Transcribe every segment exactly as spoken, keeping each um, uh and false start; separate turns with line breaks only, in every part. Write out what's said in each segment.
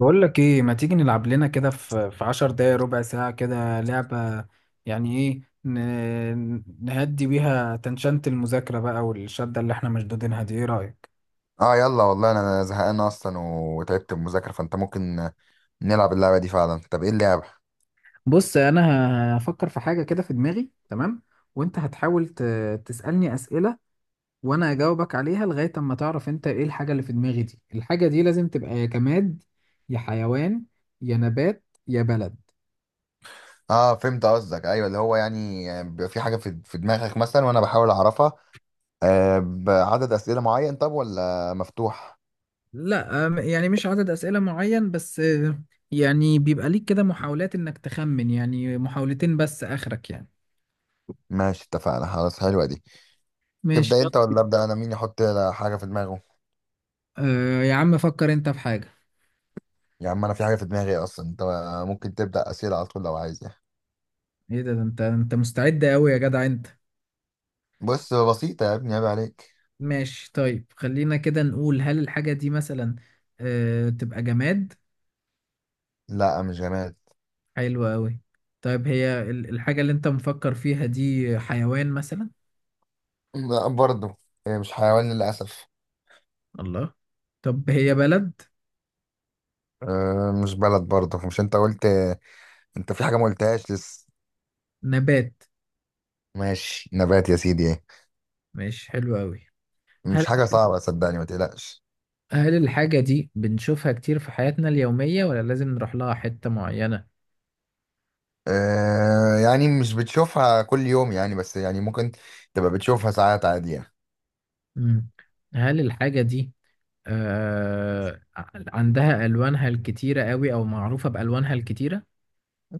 بقول لك ايه ما تيجي نلعب لنا كده في في عشر دقايق ربع ساعة كده لعبة. يعني ايه ن- نهدي بيها تنشنت المذاكرة بقى، والشدة اللي احنا مشدودينها دي، ايه رأيك؟
اه، يلا والله انا زهقان اصلا وتعبت من المذاكره فانت ممكن نلعب اللعبه دي فعلا. طب ايه اللعبه؟
بص انا هفكر في حاجة كده في دماغي، تمام؟ وانت هتحاول ت- تسألني أسئلة، وانا اجاوبك عليها لغاية اما تعرف انت ايه الحاجة اللي في دماغي دي. الحاجة دي لازم تبقى يا جماد، يا حيوان، يا نبات، يا بلد.
اه، فهمت قصدك. ايوه اللي هو يعني يعني بيبقى في حاجه في في دماغك مثلا وانا بحاول اعرفها. آه بعدد اسئله معين، طب ولا مفتوح؟
لا، أم- يعني مش عدد أسئلة معين، بس آه، يعني بيبقى ليك كده محاولات إنك تخمن، يعني محاولتين بس آخرك يعني.
ماشي، اتفقنا خلاص، حلوه دي.
ماشي،
تبدا
يلا.
انت ولا ابدا انا؟ مين يحط حاجه في دماغه؟
آه يا عم، فكر أنت في حاجة.
يا عم انا في حاجه في دماغي اصلا. انت ممكن تبدا اسئله على طول لو عايز يعني.
إيه ده ده أنت أنت مستعد أوي يا جدع أنت؟
بص بسيطه يا ابني، عيب عليك.
ماشي، طيب، خلينا كده نقول: هل الحاجة دي مثلا آه تبقى جماد؟
لا مش جماد.
حلوة أوي. طيب هي ال- الحاجة اللي أنت مفكر فيها دي حيوان مثلا؟
لا برضه. إيه، مش حيوان للاسف.
الله. طب هي بلد؟
أه، مش بلد برضه. مش انت قلت انت في حاجة ما قلتهاش لسه؟
نبات؟
ماشي، نبات يا سيدي، ايه؟
ماشي، حلو أوي.
مش حاجة صعبة، صدقني، ما تقلقش.
هل الحاجة دي بنشوفها كتير في حياتنا اليومية ولا لازم نروح لها حتة معينة؟
أه، يعني مش بتشوفها كل يوم يعني، بس يعني ممكن تبقى بتشوفها ساعات عادية.
مم. هل الحاجة دي آه عندها ألوانها الكتيرة قوي، أو معروفة بألوانها الكتيرة؟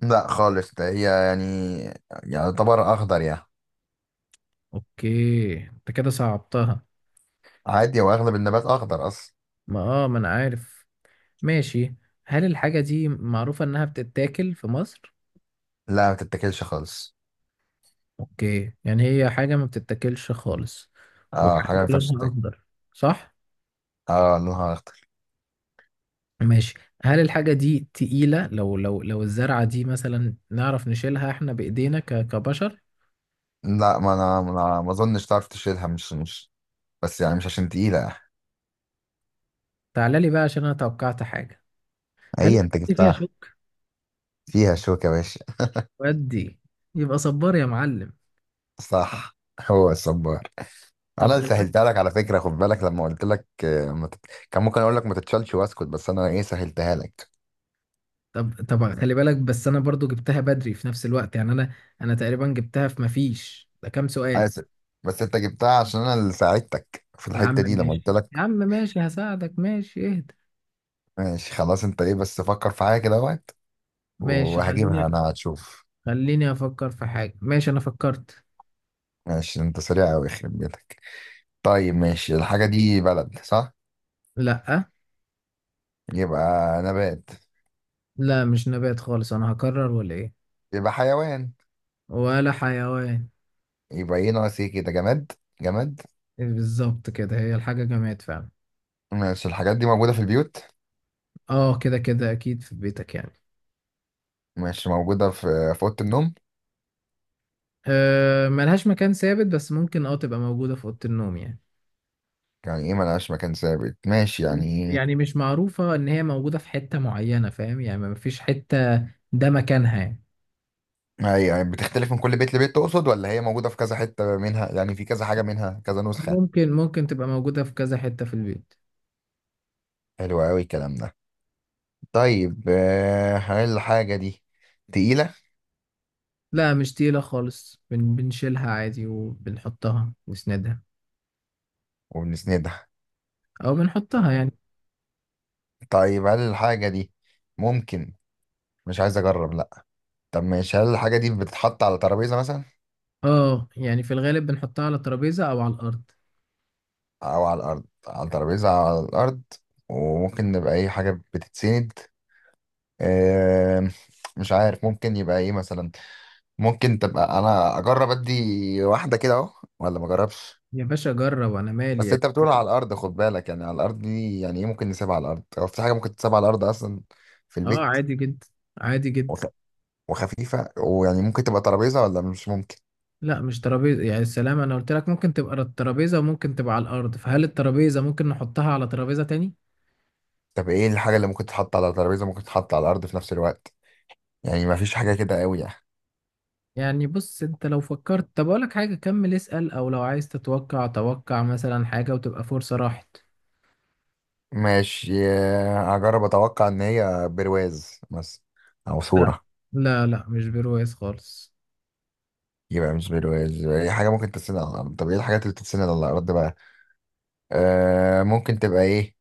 لا خالص، ده هي يعني يعتبر أخضر يعني.
أوكي، أنت كده صعبتها.
عادي، وأغلب النبات أخضر أصلا.
ما آه ما أنا عارف. ماشي. هل الحاجة دي معروفة إنها بتتاكل في مصر؟
لا، ما تتاكلش خالص.
أوكي، يعني هي حاجة ما بتتاكلش خالص،
اه، حاجة
وحاجة
ما ينفعش
لونها
تتاكل.
أخضر، صح؟
اه، لونها أخضر.
ماشي. هل الحاجة دي تقيلة؟ لو لو لو الزرعة دي مثلا نعرف نشيلها احنا بإيدينا ك- كبشر؟
لا. ما أنا ما أنا- ما أظنش تعرف تشيلها، مش مش بس يعني مش عشان تقيلة.
تعالى لي بقى عشان انا توقعت حاجة. هل
هي أنت
الحاجة دي فيها
جبتها.
شوك؟
فيها شوكة يا باشا.
ودي يبقى صبار يا معلم.
صح، هو الصبار.
طب
انا
خلي بالك.
سهلتها لك على فكره، خد بالك لما قلت لك آه، ما تت... كان ممكن اقول لك ما تتشالش واسكت، بس انا ايه سهلتها لك.
طب طب خلي بالك، بس انا برضو جبتها بدري في نفس الوقت، يعني انا انا تقريبا جبتها في مفيش، ده كام سؤال؟
اسف. بس انت جبتها عشان انا اللي ساعدتك في
يا عم
الحته دي لما قلت
ماشي،
لك.
يا عم ماشي، هساعدك، ماشي، اهدى.
ماشي خلاص، انت ايه، بس فكر في حاجه كده وقت
ماشي،
وهجيبها
خليني
انا، هتشوف.
خليني افكر في حاجة. ماشي انا فكرت.
ماشي، انت سريع قوي يخرب بيتك. طيب ماشي، الحاجه دي بلد، صح؟
لا
يبقى نبات.
لا، مش نبات خالص، انا هكرر ولا ايه؟
يبقى حيوان.
ولا حيوان.
يبقى ايه؟ ناقص ايه كده، جماد. جماد؟
بالظبط كده، هي الحاجة جماد فعلا.
ماشي، الحاجات دي موجوده في البيوت؟
اه، كده كده اكيد في بيتك يعني.
ماشي، موجوده في في اوضه النوم؟
أه، ملهاش مكان ثابت، بس ممكن اه تبقى موجودة في أوضة النوم يعني.
يعني ايه ملهاش مكان ثابت؟ ماشي يعني.
يعني مش معروفة ان هي موجودة في حتة معينة، فاهم؟ يعني ما فيش حتة ده مكانها يعني.
هي يعني بتختلف من كل بيت لبيت، تقصد؟ ولا هي موجودة في كذا حتة منها، يعني في كذا حاجة منها، كذا نسخة؟
ممكن ممكن تبقى موجودة في كذا حتة في البيت.
حلو قوي الكلام ده. طيب، آه، هل الحاجة دي تقيلة؟
لا مش تقيلة خالص، بن بنشيلها عادي، وبنحطها نسندها
وبنسندها.
او بنحطها يعني.
طيب هل الحاجة دي ممكن... مش عايز اجرب، لا. طب ماشي، هل الحاجة دي بتتحط على ترابيزة مثلا
اه، يعني في الغالب بنحطها على ترابيزة او على الارض.
او على الارض؟ على ترابيزة، على الارض، وممكن يبقى اي حاجة بتتسند. آه، مش عارف ممكن يبقى ايه مثلا؟ ممكن تبقى... انا اجرب ادي واحده كده اهو ولا ما اجربش؟
يا باشا جرب، انا
بس
مالي.
انت بتقول على الارض، خد بالك يعني، على الارض دي يعني ايه؟ ممكن نسيبها على الارض؟ هو في حاجه ممكن تسيبها على الارض اصلا في
اه
البيت؟
عادي جدا، عادي جدا.
وخ... وخفيفه ويعني ممكن تبقى ترابيزه ولا مش ممكن؟
لا مش ترابيزه، يعني السلام، انا قلت لك ممكن تبقى الترابيزه وممكن تبقى على الارض، فهل الترابيزه ممكن نحطها على ترابيزه تاني؟
طب ايه الحاجه اللي ممكن تتحط على ترابيزه، ممكن تتحط على الارض في نفس الوقت؟ يعني ما فيش حاجه كده قوي يعني.
يعني بص، انت لو فكرت، طب اقول لك حاجه، كمل اسال، او لو عايز تتوقع، توقع مثلا حاجه وتبقى فرصه راحت.
ماشي، آه، هجرب اتوقع ان هي برواز مثلا او
لا
صوره.
لا لا، مش برواز خالص.
يبقى مش برواز. يبقى اي حاجه ممكن تتسند على الارض. طب ايه الحاجات اللي بتتسند على الارض بقى؟ آه ممكن تبقى ايه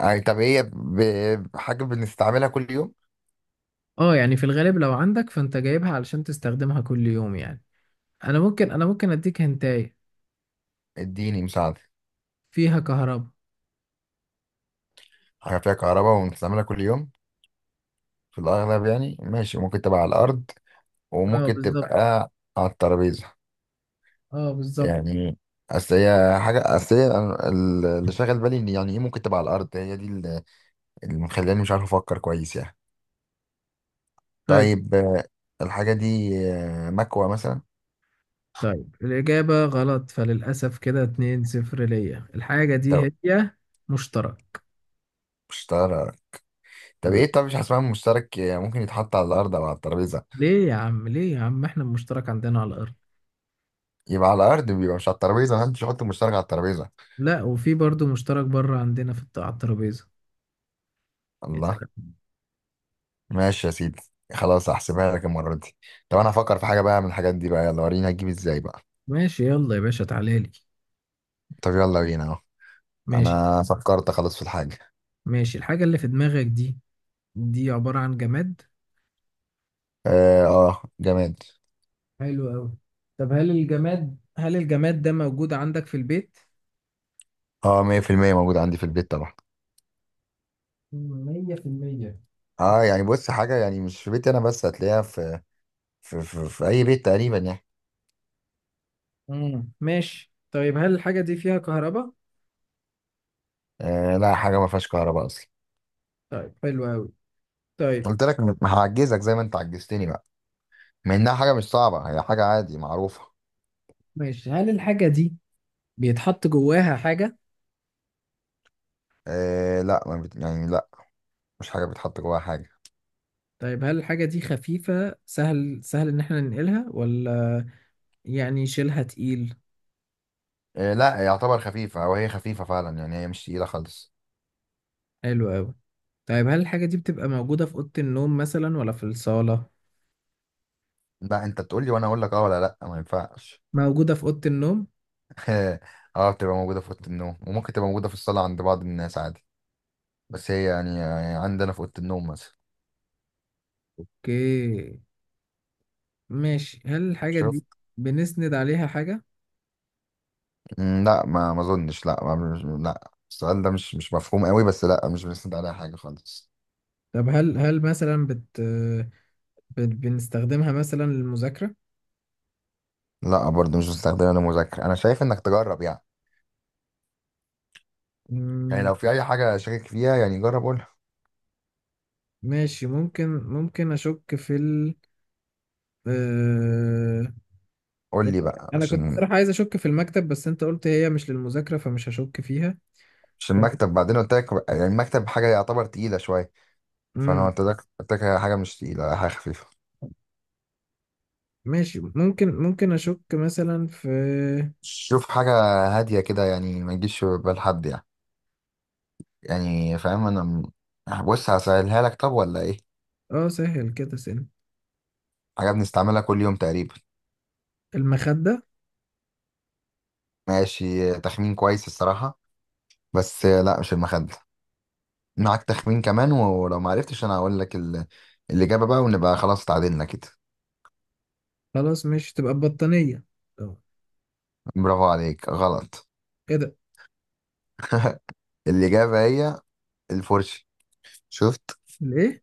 يعني؟ طب هي ب- حاجة بنستعملها كل يوم؟
اه، يعني في الغالب لو عندك فانت جايبها علشان تستخدمها كل يوم يعني. انا ممكن انا ممكن اديك هنتايه:
اديني مساعدة.
فيها كهرباء.
حاجة فيها كهرباء ونستعملها كل يوم في الأغلب يعني، ماشي. ممكن تبقى على الأرض
اه
وممكن
بالظبط.
تبقى على الترابيزة
اه بالظبط.
يعني. أصل هي حاجة، أصل هي أنا- ال- اللي شاغل بالي إن يعني إيه ممكن تبقى على الأرض. هي دي ال- اللي مخلاني مش عارف أفكر كويس يعني.
طيب،
طيب، آه، الحاجة دي آه، مكوى مثلا.
طيب الإجابة غلط فللأسف، كده اتنين صفر ليا. الحاجة دي
طب،
هي مشترك.
مشترك. طب
مم.
إيه؟ طب مش حاسبها مشترك. آه، ممكن يتحط على الأرض أو على الترابيزة.
ليه يا عم، ليه يا عم، احنا المشترك عندنا على الأرض.
يبقى على الأرض، بيبقى مش على الترابيزة. محدش يحط مشترك على الترابيزة.
لا، وفي برضو مشترك بره عندنا في الت- على الترابيزة. يا
الله!
سلام.
ماشي يا سيدي، خلاص هحسبها لك المرة دي. طب انا هفكر في حاجة بقى من الحاجات دي بقى. يلا، وريني هتجيب ازاي بقى.
ماشي يلا يا باشا، تعالى لي.
طب يلا بينا اهو.
ماشي.
انا فكرت خلاص في الحاجة.
ماشي، الحاجة اللي في دماغك دي، دي عبارة عن جماد؟
اه، آه، جماد.
حلو أوي. طب هل الجماد، هل الجماد ده موجود عندك في البيت؟
اه، مية في المية موجود عندي في البيت طبعا.
مية في المية.
اه يعني بص، حاجة يعني مش في بيتي انا بس، هتلاقيها في في, في, في اي بيت تقريبا يعني.
مم. ماشي، طيب، هل الحاجة دي فيها كهرباء؟
آه لا، حاجة ما فيهاش كهرباء اصلا.
طيب، حلو أوي. طيب.
قلت لك م- هعجزك زي ما انت عجزتني بقى. مع انها حاجة مش صعبة، هي حاجة عادي معروفة.
ماشي، هل الحاجة دي بيتحط جواها حاجة؟
آه لا، ما بت... يعني لا، مش حاجة بتحط جواها حاجة.
طيب هل الحاجة دي خفيفة؟ سهل سهل إن احنا ننقلها، ولا يعني شيلها تقيل؟
إيه لا، يعتبر خفيفة، أو هي خفيفة فعلا يعني، هي مش تقيلة خالص.
حلو أوي. طيب هل الحاجة دي بتبقى موجودة في أوضة النوم مثلا ولا في الصالة؟
لا، أنت تقول لي وأنا أقول لك أه ولا لأ، ما ينفعش.
موجودة في أوضة النوم؟
أه، بتبقى موجودة في أوضة النوم وممكن تبقى موجودة في الصالة عند بعض الناس عادي، بس هي يعني يعني عندنا في أوضة النوم مثلا.
اوكي، ماشي، هل الحاجة
شوف.
دي بنسند عليها حاجة؟
مم، لا ما ما أظنش، لا ما مش لا، السؤال ده مش مش مفهوم قوي، بس لا، مش بنستند عليها حاجة خالص.
طب هل هل مثلا بت... بت... بنستخدمها مثلا للمذاكرة؟
لا برضه، مش بستخدمها للمذاكرة. أنا شايف إنك تجرب يعني، يعني
مم،
لو في أي حاجة شاكك فيها يعني، جرب قول.
ماشي، ممكن ممكن أشك في ال... آه،
قول لي
يعني
بقى،
انا كنت
عشان
صراحة عايز اشك في المكتب، بس انت قلت هي مش للمذاكرة، فمش هشك فيها.
عشان
ف...
المكتب بعدين قلت لك يعني المكتب حاجة يعتبر تقيلة شوية، فانا
امم
قلت لك قلت لك حاجه مش تقيله، حاجه خفيفه.
ماشي، ممكن ممكن اشك مثلا في،
شوف، حاجه هاديه كده يعني، ما تجيش في بال حد يعني. يعني فاهم انا م- بص، هسهلها لك طب ولا ايه؟
اه، سهل كده، سن،
حاجه بنستعملها كل يوم تقريبا.
المخدة.
ماشي، تخمين كويس الصراحه، بس لا، مش المخده. معاك تخمين كمان، ولو ما عرفتش انا هقول لك ال... الاجابه بقى، ونبقى خلاص اتعادلنا كده.
خلاص مش تبقى البطانية؟ طب
برافو عليك، غلط.
ايه ده؟
الاجابه هي الفرشه. شفت؟
الايه؟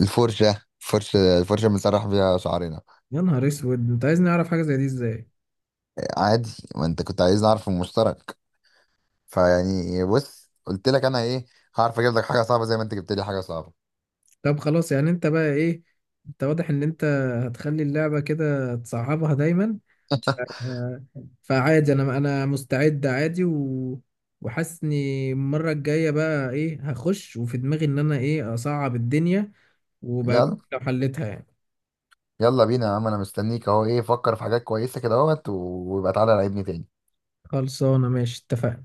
الفرشه، فرشة، الفرشة بنسرح بيها شعرنا.
يا نهار اسود، انت عايزني اعرف حاجة زي دي ازاي؟
عادي، ما انت كنت عايز اعرف المشترك، فيعني بص، قلت لك انا ايه، هعرف اجيب لك حاجه صعبه زي ما انت جبت لي حاجه صعبه.
طب خلاص، يعني انت بقى ايه؟ انت واضح ان انت هتخلي اللعبة كده تصعبها دايما. آه، فعادي، انا انا مستعد عادي و... وحاسس اني المره الجايه بقى ايه هخش وفي دماغي ان انا ايه اصعب الدنيا، وبقى
يلا،
لو حلتها يعني.
يلا بينا يا عم، انا مستنيك اهو. ايه، فكر في حاجات كويسه كده اهوت، ويبقى تعالى لعبني تاني.
خلصانه، ماشي، اتفقنا.